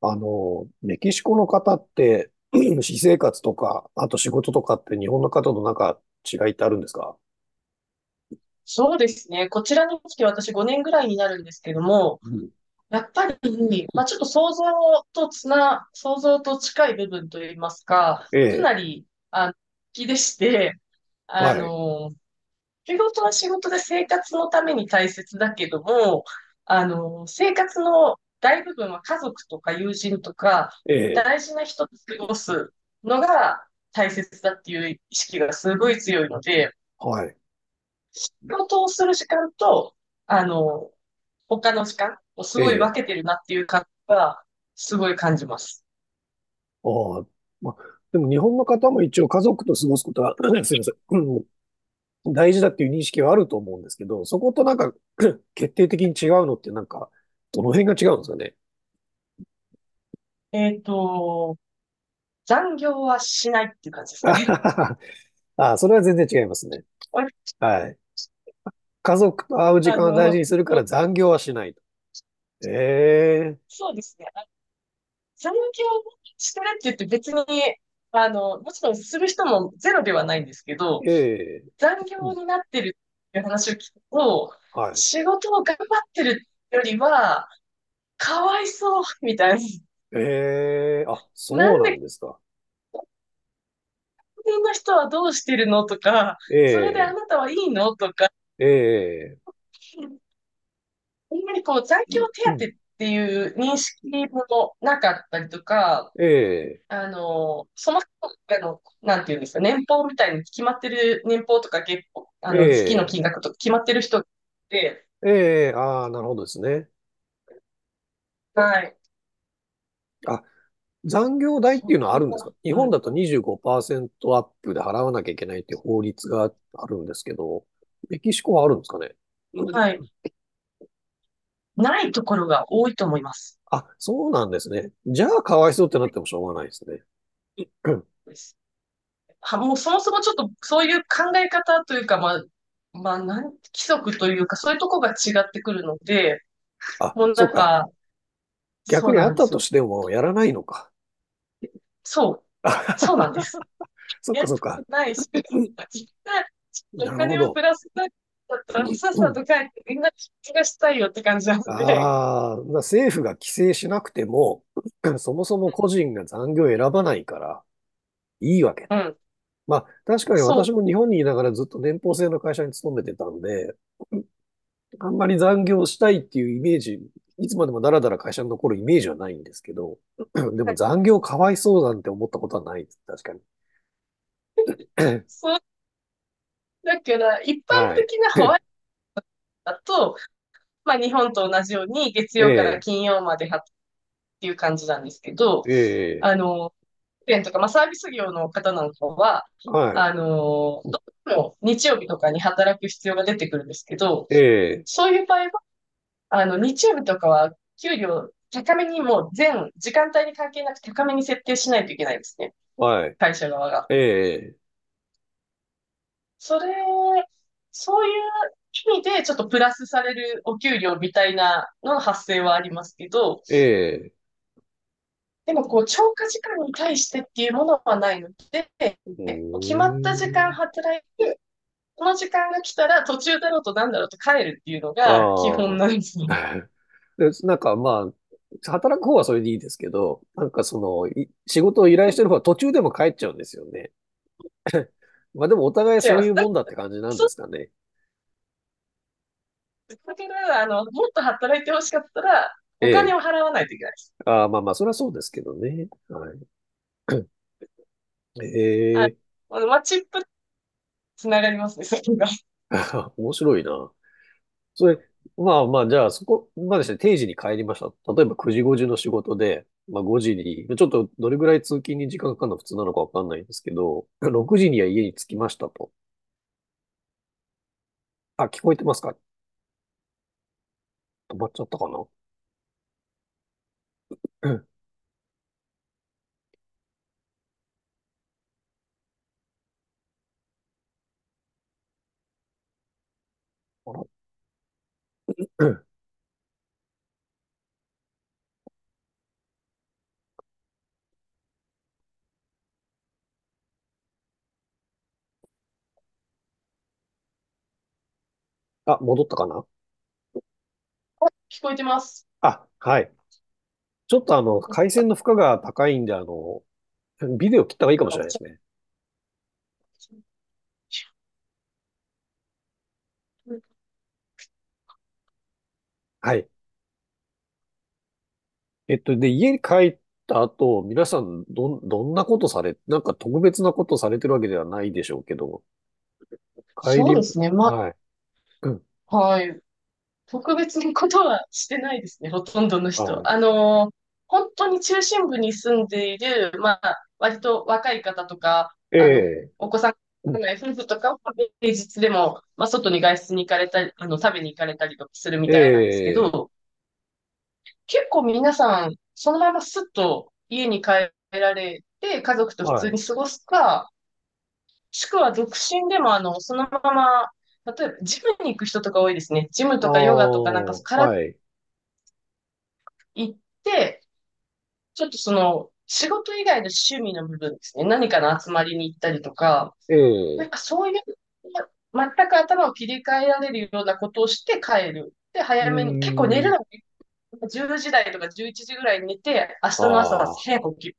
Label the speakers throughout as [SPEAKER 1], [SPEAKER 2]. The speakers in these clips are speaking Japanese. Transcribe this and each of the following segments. [SPEAKER 1] メキシコの方って、私生活とか、あと仕事とかって日本の方と違いってあるんですか？
[SPEAKER 2] そうですね。こちらに来て私5年ぐらいになるんですけども、
[SPEAKER 1] うん。
[SPEAKER 2] やっぱり、ちょっと想像と近い部分といいますか、
[SPEAKER 1] え
[SPEAKER 2] かな
[SPEAKER 1] え、
[SPEAKER 2] り、あの、気でして、あ
[SPEAKER 1] はい、
[SPEAKER 2] の、仕事は仕事で生活のために大切だけども、生活の大部分は家族とか友人とか、
[SPEAKER 1] ええ、
[SPEAKER 2] 大事な人と過ごすのが大切だっていう意識がすごい強いので、
[SPEAKER 1] はい、
[SPEAKER 2] 仕事をする時間と、あの、他の時間をす
[SPEAKER 1] え
[SPEAKER 2] ごい分
[SPEAKER 1] え、
[SPEAKER 2] けてるなっていう感じは、すごい感じます。
[SPEAKER 1] ああ、ま、でも日本の方も一応家族と過ごすことは、すいません、うん、大事だっていう認識はあると思うんですけど、そこと決定的に違うのってどの辺が違うんですかね。
[SPEAKER 2] えっと、残業はしないっていう感じで す
[SPEAKER 1] あ
[SPEAKER 2] か
[SPEAKER 1] は
[SPEAKER 2] ね。
[SPEAKER 1] は。はあ、それは全然違いますね。はい。家族と会う時
[SPEAKER 2] あ
[SPEAKER 1] 間を大事
[SPEAKER 2] の、
[SPEAKER 1] にするか
[SPEAKER 2] も
[SPEAKER 1] ら
[SPEAKER 2] う
[SPEAKER 1] 残業はしないと。ええ、
[SPEAKER 2] そうですね。あ残業してるって言って別に、もちろんする人もゼロではないんですけど、
[SPEAKER 1] ええ、
[SPEAKER 2] 残
[SPEAKER 1] う
[SPEAKER 2] 業
[SPEAKER 1] ん、
[SPEAKER 2] になってるっていう話を聞くと、
[SPEAKER 1] はい。
[SPEAKER 2] 仕事を頑張ってるよりは、かわいそう、みたい
[SPEAKER 1] ええ、あ、
[SPEAKER 2] な。な
[SPEAKER 1] そう
[SPEAKER 2] ん
[SPEAKER 1] なん
[SPEAKER 2] で
[SPEAKER 1] ですか。
[SPEAKER 2] 辺の人はどうしてるのとか、
[SPEAKER 1] え
[SPEAKER 2] それであ
[SPEAKER 1] え、
[SPEAKER 2] なたはいいのとか、
[SPEAKER 1] ええ、
[SPEAKER 2] あんまりこう、残業
[SPEAKER 1] うん、
[SPEAKER 2] 手当っていう認識もなかったりとか、
[SPEAKER 1] ええ、
[SPEAKER 2] その人の、なんていうんですか、年俸みたいに決まってる、年俸とか月俸、
[SPEAKER 1] え
[SPEAKER 2] 月の
[SPEAKER 1] え、
[SPEAKER 2] 金額とか決まってる人って、
[SPEAKER 1] ええ、ああ、なるほどですね。
[SPEAKER 2] はい。
[SPEAKER 1] あ、残業代ってい
[SPEAKER 2] そ
[SPEAKER 1] うのは
[SPEAKER 2] こ
[SPEAKER 1] あるんですか？
[SPEAKER 2] は、
[SPEAKER 1] 日
[SPEAKER 2] う
[SPEAKER 1] 本
[SPEAKER 2] ん。
[SPEAKER 1] だと25%アップで払わなきゃいけないっていう法律があるんですけど、メキシコはあるんですかね？う
[SPEAKER 2] は
[SPEAKER 1] ん。
[SPEAKER 2] い。ないところが多いと思います。
[SPEAKER 1] あ、そうなんですね。じゃあ、かわいそうってなってもしょうがないですね。うん、
[SPEAKER 2] す。は、もうそもそもちょっとそういう考え方というか、規則というか、そういうとこが違ってくるので、
[SPEAKER 1] あ、
[SPEAKER 2] もう
[SPEAKER 1] そう
[SPEAKER 2] なん
[SPEAKER 1] か。
[SPEAKER 2] か、そ
[SPEAKER 1] 逆
[SPEAKER 2] う
[SPEAKER 1] にあ
[SPEAKER 2] な
[SPEAKER 1] っ
[SPEAKER 2] んで
[SPEAKER 1] た
[SPEAKER 2] す
[SPEAKER 1] と
[SPEAKER 2] よ。
[SPEAKER 1] してもやらないのか。
[SPEAKER 2] そう、そうなん です。
[SPEAKER 1] そっ
[SPEAKER 2] や
[SPEAKER 1] か
[SPEAKER 2] り
[SPEAKER 1] そっ
[SPEAKER 2] た
[SPEAKER 1] か。
[SPEAKER 2] くないし、お
[SPEAKER 1] なるほ
[SPEAKER 2] 金を
[SPEAKER 1] ど。
[SPEAKER 2] プラスだったら、さっさ と帰って、みんな気がしたいよって感じなので、
[SPEAKER 1] ああ、だから政府が規制しなくても、そもそも個人が残業を選ばないからいいわけ
[SPEAKER 2] う
[SPEAKER 1] だ。
[SPEAKER 2] ん、
[SPEAKER 1] まあ、確かに
[SPEAKER 2] そ
[SPEAKER 1] 私
[SPEAKER 2] う。
[SPEAKER 1] も日本にいながらずっと年俸制の会社に勤めてたんで、あんまり残業したいっていうイメージ、いつまでもだらだら会社に残るイメージはないんですけど、で
[SPEAKER 2] は
[SPEAKER 1] も
[SPEAKER 2] い
[SPEAKER 1] 残業かわいそうなんて思ったことはないです。確かに。
[SPEAKER 2] そ う、だから、一般
[SPEAKER 1] はい。
[SPEAKER 2] 的なホワ イトだと、まあ、日本と同じように、月
[SPEAKER 1] え
[SPEAKER 2] 曜から
[SPEAKER 1] え、
[SPEAKER 2] 金曜までっていう感じなんですけど、
[SPEAKER 1] ええ、
[SPEAKER 2] 保育園とか、まあ、サービス業の方なんかは、
[SPEAKER 1] はい。
[SPEAKER 2] どうしても日曜日とかに働く必要が出てくるんですけど、
[SPEAKER 1] ええ、
[SPEAKER 2] そういう場合は、日曜日とかは給料高めにもう全時間帯に関係なく高めに設定しないといけないですね。
[SPEAKER 1] はい。
[SPEAKER 2] 会社側が。
[SPEAKER 1] ええ、
[SPEAKER 2] それ、そういう意味でちょっとプラスされるお給料みたいなのの発生はありますけど、
[SPEAKER 1] ええ。
[SPEAKER 2] でも、こう、超過時間に対してっていうものはないので、
[SPEAKER 1] う
[SPEAKER 2] もう決まった時
[SPEAKER 1] ー
[SPEAKER 2] 間
[SPEAKER 1] ん。
[SPEAKER 2] 働い、この時間が来たら途中だろうとなんだろうと帰るっていうのが基本
[SPEAKER 1] あ
[SPEAKER 2] なんです
[SPEAKER 1] あ。
[SPEAKER 2] よ。
[SPEAKER 1] で、働く方はそれでいいですけど、い仕事を依頼してる方は途中でも帰っちゃうんですよね。まあでもお互い
[SPEAKER 2] 違い
[SPEAKER 1] そう
[SPEAKER 2] ま
[SPEAKER 1] い
[SPEAKER 2] す。
[SPEAKER 1] うもんだっ
[SPEAKER 2] だ
[SPEAKER 1] て感じなんですかね。
[SPEAKER 2] から、もっと働いてほしかったら、
[SPEAKER 1] え
[SPEAKER 2] お金
[SPEAKER 1] え。
[SPEAKER 2] を払わないといけないです。
[SPEAKER 1] ああ、まあまあ、それはそうですけどね。はい。え
[SPEAKER 2] あ、
[SPEAKER 1] え。
[SPEAKER 2] マッチップつながりますね、それが。
[SPEAKER 1] 面白いな。それ、まあまあ、じゃあそこまでして定時に帰りました。例えば9時5時の仕事で、まあ5時に、ちょっとどれぐらい通勤に時間かかるの普通なのかわかんないんですけど、6時には家に着きましたと。あ、聞こえてますか？止まっちゃったかな。うん、あら、うん。あ、戻ったかな？
[SPEAKER 2] 聞こえてます。
[SPEAKER 1] あ、はい。ちょっと回線の負荷が高いんで、ビデオ切った方がいいかもしれないですね。はい。で、家に帰った後、皆さん、どんなことされ、なんか特別なことされてるわけではないでしょうけど、帰
[SPEAKER 2] そう
[SPEAKER 1] り、
[SPEAKER 2] ですね。ま、
[SPEAKER 1] はい。うん。
[SPEAKER 2] はい。特別なことはしてないですね、ほとんどの人。
[SPEAKER 1] は
[SPEAKER 2] 本当に中心部に住んでいる、まあ、割と若い方とか、
[SPEAKER 1] い。ええ、
[SPEAKER 2] お子さん
[SPEAKER 1] う
[SPEAKER 2] が
[SPEAKER 1] ん。
[SPEAKER 2] いない夫婦とかは平日でも、まあ、外に外出に行かれたり、食べに行かれたりとかするみ
[SPEAKER 1] え
[SPEAKER 2] たいなんですけ
[SPEAKER 1] え、
[SPEAKER 2] ど、結構皆さん、そのまますっと家に帰られて、家族と普
[SPEAKER 1] は
[SPEAKER 2] 通
[SPEAKER 1] い。
[SPEAKER 2] に過ごすか、もしくは独身でも、そのまま、例えば、ジムに行く人とか多いですね。ジム
[SPEAKER 1] あ
[SPEAKER 2] とかヨガ
[SPEAKER 1] あ、
[SPEAKER 2] とか、なんか体
[SPEAKER 1] はい。
[SPEAKER 2] 行って、ちょっとその、仕事以外の趣味の部分ですね。何かの集まりに行ったりとか、
[SPEAKER 1] え
[SPEAKER 2] なん
[SPEAKER 1] え、
[SPEAKER 2] かそういう、ま全く頭を切り替えられるようなことをして帰る。で、
[SPEAKER 1] う
[SPEAKER 2] 早めに、結構寝
[SPEAKER 1] ー
[SPEAKER 2] る
[SPEAKER 1] ん。
[SPEAKER 2] のも10時台とか11時ぐらいに寝て、明日の朝
[SPEAKER 1] ああ、
[SPEAKER 2] 早く起きる。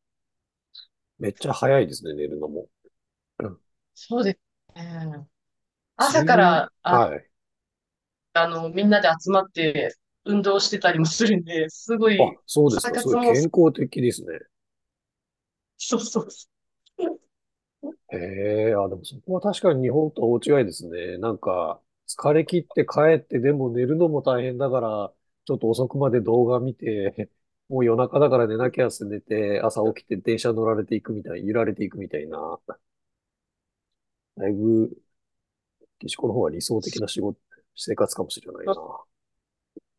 [SPEAKER 1] めっちゃ早いですね、寝るのも。
[SPEAKER 2] そうですね。朝
[SPEAKER 1] 睡
[SPEAKER 2] か
[SPEAKER 1] 眠、
[SPEAKER 2] ら、あ、
[SPEAKER 1] はい。
[SPEAKER 2] みんなで集まって運動してたりもするんで、すご
[SPEAKER 1] あ、
[SPEAKER 2] い、
[SPEAKER 1] そうです
[SPEAKER 2] 朝
[SPEAKER 1] か。すご
[SPEAKER 2] 活
[SPEAKER 1] い
[SPEAKER 2] も、
[SPEAKER 1] 健康的ですね。
[SPEAKER 2] そうそうそ
[SPEAKER 1] へえ、あ、でもそこは確かに日本とは大違いですね。なんか、疲れ切って帰ってでも寝るのも大変だから、ちょっと遅くまで動画見て、もう夜中だから寝な
[SPEAKER 2] う。
[SPEAKER 1] きゃって寝て、朝起きて電車乗られていくみたい、揺られていくみたいな、だいぶ、岸子の方が理想的な仕事、生活かもしれないな。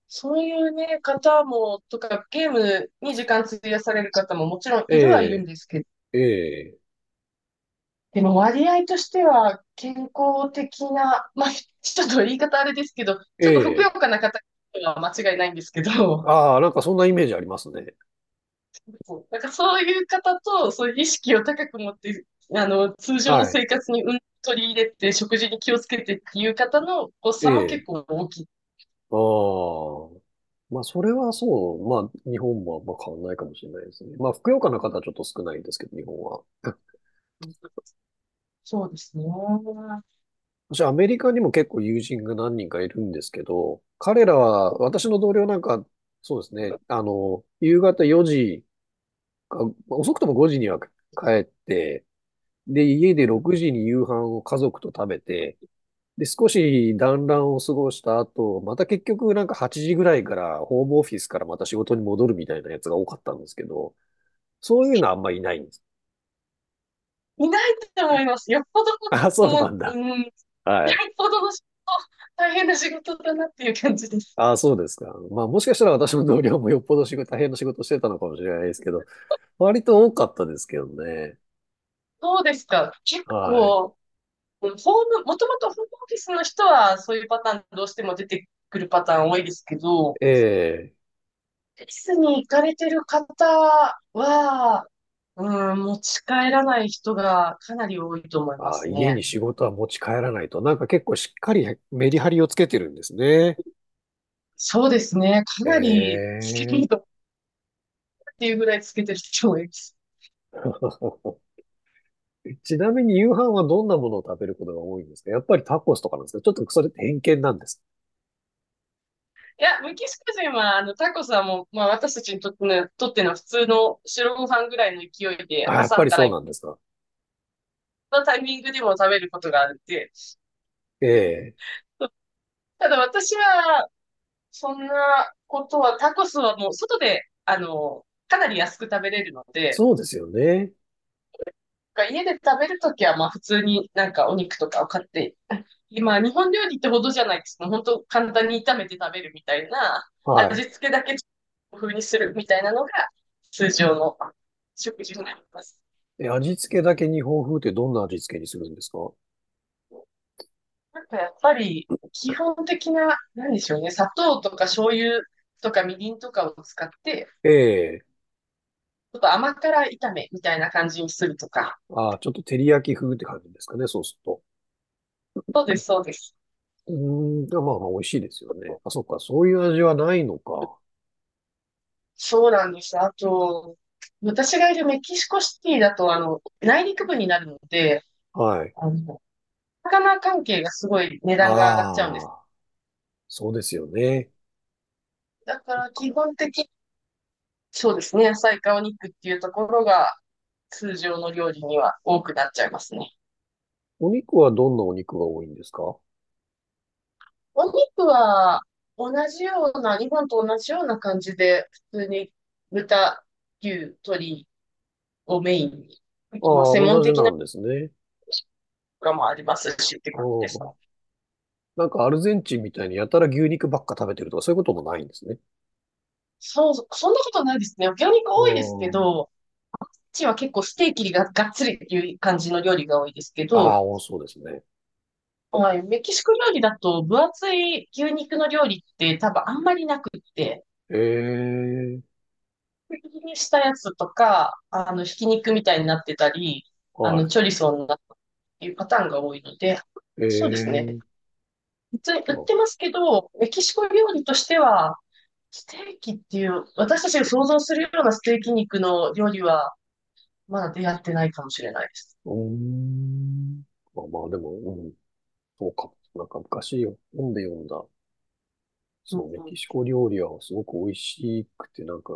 [SPEAKER 2] そういうね、方も、とか、ゲームに時間費やされる方ももちろんいるはいるん
[SPEAKER 1] え
[SPEAKER 2] ですけど、
[SPEAKER 1] え、ええ、
[SPEAKER 2] でも割合としては健康的な、まあ、ちょっと言い方あれですけど、
[SPEAKER 1] え
[SPEAKER 2] ちょっとふくよ
[SPEAKER 1] え。
[SPEAKER 2] かな方は間違いないんですけど、
[SPEAKER 1] ああ、なんかそんなイメージありますね。
[SPEAKER 2] なんかそういう方と、そういう意識を高く持って、通常の
[SPEAKER 1] はい。
[SPEAKER 2] 生活にうん取り入れて、食事に気をつけてっていう方のこう
[SPEAKER 1] え
[SPEAKER 2] 差も
[SPEAKER 1] え。
[SPEAKER 2] 結構大きい。
[SPEAKER 1] ああ。まあ、それはそう。まあ、日本もあんま変わんないかもしれないですね。まあ、ふくよかな方はちょっと少ないですけど、日本は。
[SPEAKER 2] そうですね。
[SPEAKER 1] 私、アメリカにも結構友人が何人かいるんですけど、彼らは、私の同僚なんか、そうですね、夕方4時か、遅くとも5時には帰って、で、家で
[SPEAKER 2] うん
[SPEAKER 1] 6時に夕飯を家族と食べて、で、少し団らんを過ごした後、また結局なんか8時ぐらいから、ホームオフィスからまた仕事に戻るみたいなやつが多かったんですけど、そういうのはあんまりいないんです。
[SPEAKER 2] いないと思います。よっぽど、
[SPEAKER 1] あ、そうな
[SPEAKER 2] も
[SPEAKER 1] ん
[SPEAKER 2] う、う
[SPEAKER 1] だ。
[SPEAKER 2] ん、よっ
[SPEAKER 1] はい。
[SPEAKER 2] ぽどの仕事、大変な仕事だなっていう感じです。
[SPEAKER 1] あ、そうですか。まあ、もしかしたら私の同僚もよっぽど仕事、大変な仕事をしてたのかもしれないですけど、割と多かったですけどね。
[SPEAKER 2] そうですか。結
[SPEAKER 1] はい。
[SPEAKER 2] 構、うんホーム、もともとホームオフィスの人はそういうパターンどうしても出てくるパターン多いですけど、オ
[SPEAKER 1] ええ。
[SPEAKER 2] フィスに行かれてる方は、うん、持ち帰らない人がかなり多いと思いま
[SPEAKER 1] あ、
[SPEAKER 2] す
[SPEAKER 1] 家に
[SPEAKER 2] ね。
[SPEAKER 1] 仕事は持ち帰らないと。なんか結構しっかりメリハリをつけてるんですね。
[SPEAKER 2] そうですね。かな
[SPEAKER 1] え
[SPEAKER 2] りつけてると
[SPEAKER 1] え。
[SPEAKER 2] っていうぐらいつけてる人もいます。
[SPEAKER 1] ちなみに夕飯はどんなものを食べることが多いんですか？やっぱりタコスとかなんですか？ちょっとそれって偏見なんです。
[SPEAKER 2] いや、メキシコ人は、タコスはもう、まあ、私たちにとっての、とっての普通の白ご飯ぐらいの勢いで、
[SPEAKER 1] あ、やっぱ
[SPEAKER 2] 朝
[SPEAKER 1] り
[SPEAKER 2] から
[SPEAKER 1] そうなんですか。
[SPEAKER 2] のタイミングでも食べることがあるんで、
[SPEAKER 1] ええ。
[SPEAKER 2] ただ私は、そんなことは、タコスはもう、外で、かなり安く食べれるので、
[SPEAKER 1] そうですよね。
[SPEAKER 2] 家で食べるときは、まあ、普通になんかお肉とかを買って今、日本料理ってほどじゃないです。もう本当簡単に炒めて食べるみたいな、
[SPEAKER 1] は
[SPEAKER 2] 味
[SPEAKER 1] い。
[SPEAKER 2] 付けだけ風にするみたいなのが通常の食事になります。
[SPEAKER 1] え、味付けだけ日本風ってどんな味付けにするんですか？
[SPEAKER 2] なんかやっぱり基本的な、なんでしょうね、砂糖とか醤油とかみりんとかを使って、
[SPEAKER 1] ええ。
[SPEAKER 2] ちょっと甘辛炒めみたいな感じにするとか。
[SPEAKER 1] ああ、ちょっと照り焼き風って感じですかね、そうすると。
[SPEAKER 2] そうです、そうです。
[SPEAKER 1] うーん、でもまあまあ美味しいですよね。あ、そっか、そういう味はないのか。
[SPEAKER 2] そうなんです。あと、私がいるメキシコシティだと、内陸部になるので、
[SPEAKER 1] はい。
[SPEAKER 2] あの、魚関係がすごい値段が上がっちゃうんです。
[SPEAKER 1] ああ、そうですよね。
[SPEAKER 2] だか
[SPEAKER 1] そっ
[SPEAKER 2] ら
[SPEAKER 1] か。
[SPEAKER 2] 基本的に、そうですね、野菜かお肉っていうところが通常の料理には多くなっちゃいますね。
[SPEAKER 1] お肉はどんなお肉が多いんですか？
[SPEAKER 2] お肉は同じような、日本と同じような感じで、普通に豚、牛、鶏をメインに、
[SPEAKER 1] あ
[SPEAKER 2] まあ、
[SPEAKER 1] あ、
[SPEAKER 2] 専門
[SPEAKER 1] 同じ
[SPEAKER 2] 的
[SPEAKER 1] な
[SPEAKER 2] なの
[SPEAKER 1] んですね。
[SPEAKER 2] とかもありますしって
[SPEAKER 1] う
[SPEAKER 2] 感じですか。
[SPEAKER 1] ん。なんかアルゼンチンみたいにやたら牛肉ばっか食べてるとかそういうこともないんですね。
[SPEAKER 2] そうそう、そんなことないですね。魚肉多いですけ
[SPEAKER 1] うん。
[SPEAKER 2] ど、うちは結構ステーキががっつりっていう感じの料理が多いですけ
[SPEAKER 1] あ
[SPEAKER 2] ど、
[SPEAKER 1] あ、そうですね。
[SPEAKER 2] はい、メキシコ料理だと分厚い牛肉の料理って多分あんまりなくって、
[SPEAKER 1] ええ、
[SPEAKER 2] 薄切りにしたやつとか、ひき肉みたいになってたり、
[SPEAKER 1] は
[SPEAKER 2] チョリソーになったっていうパターンが多いので、
[SPEAKER 1] い。え
[SPEAKER 2] そうですね。
[SPEAKER 1] え。
[SPEAKER 2] 普通に売って
[SPEAKER 1] あ、
[SPEAKER 2] ますけど、メキシコ料理としては、ステーキっていう、私たちが想像するようなステーキ肉の料理は、まだ出会ってないかもしれないです。
[SPEAKER 1] うーん。まあまあ、でも、うん、そうか。なんか昔本で読んだ、
[SPEAKER 2] う
[SPEAKER 1] そう、
[SPEAKER 2] ん
[SPEAKER 1] メ
[SPEAKER 2] うん、
[SPEAKER 1] キシコ料理はすごく美味しくて、なんか、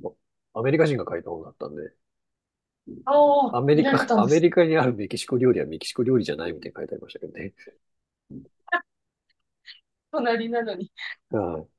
[SPEAKER 1] まアメリカ人が書いた本だったんで、
[SPEAKER 2] ああ、
[SPEAKER 1] アメ
[SPEAKER 2] 見
[SPEAKER 1] リ
[SPEAKER 2] られ
[SPEAKER 1] カ、
[SPEAKER 2] たん
[SPEAKER 1] ア
[SPEAKER 2] で
[SPEAKER 1] メ
[SPEAKER 2] す。
[SPEAKER 1] リカにあるメキシコ料理はメキシコ料理じゃないみたいに書いてありましたけどね。うん、
[SPEAKER 2] 隣なのに。
[SPEAKER 1] はい。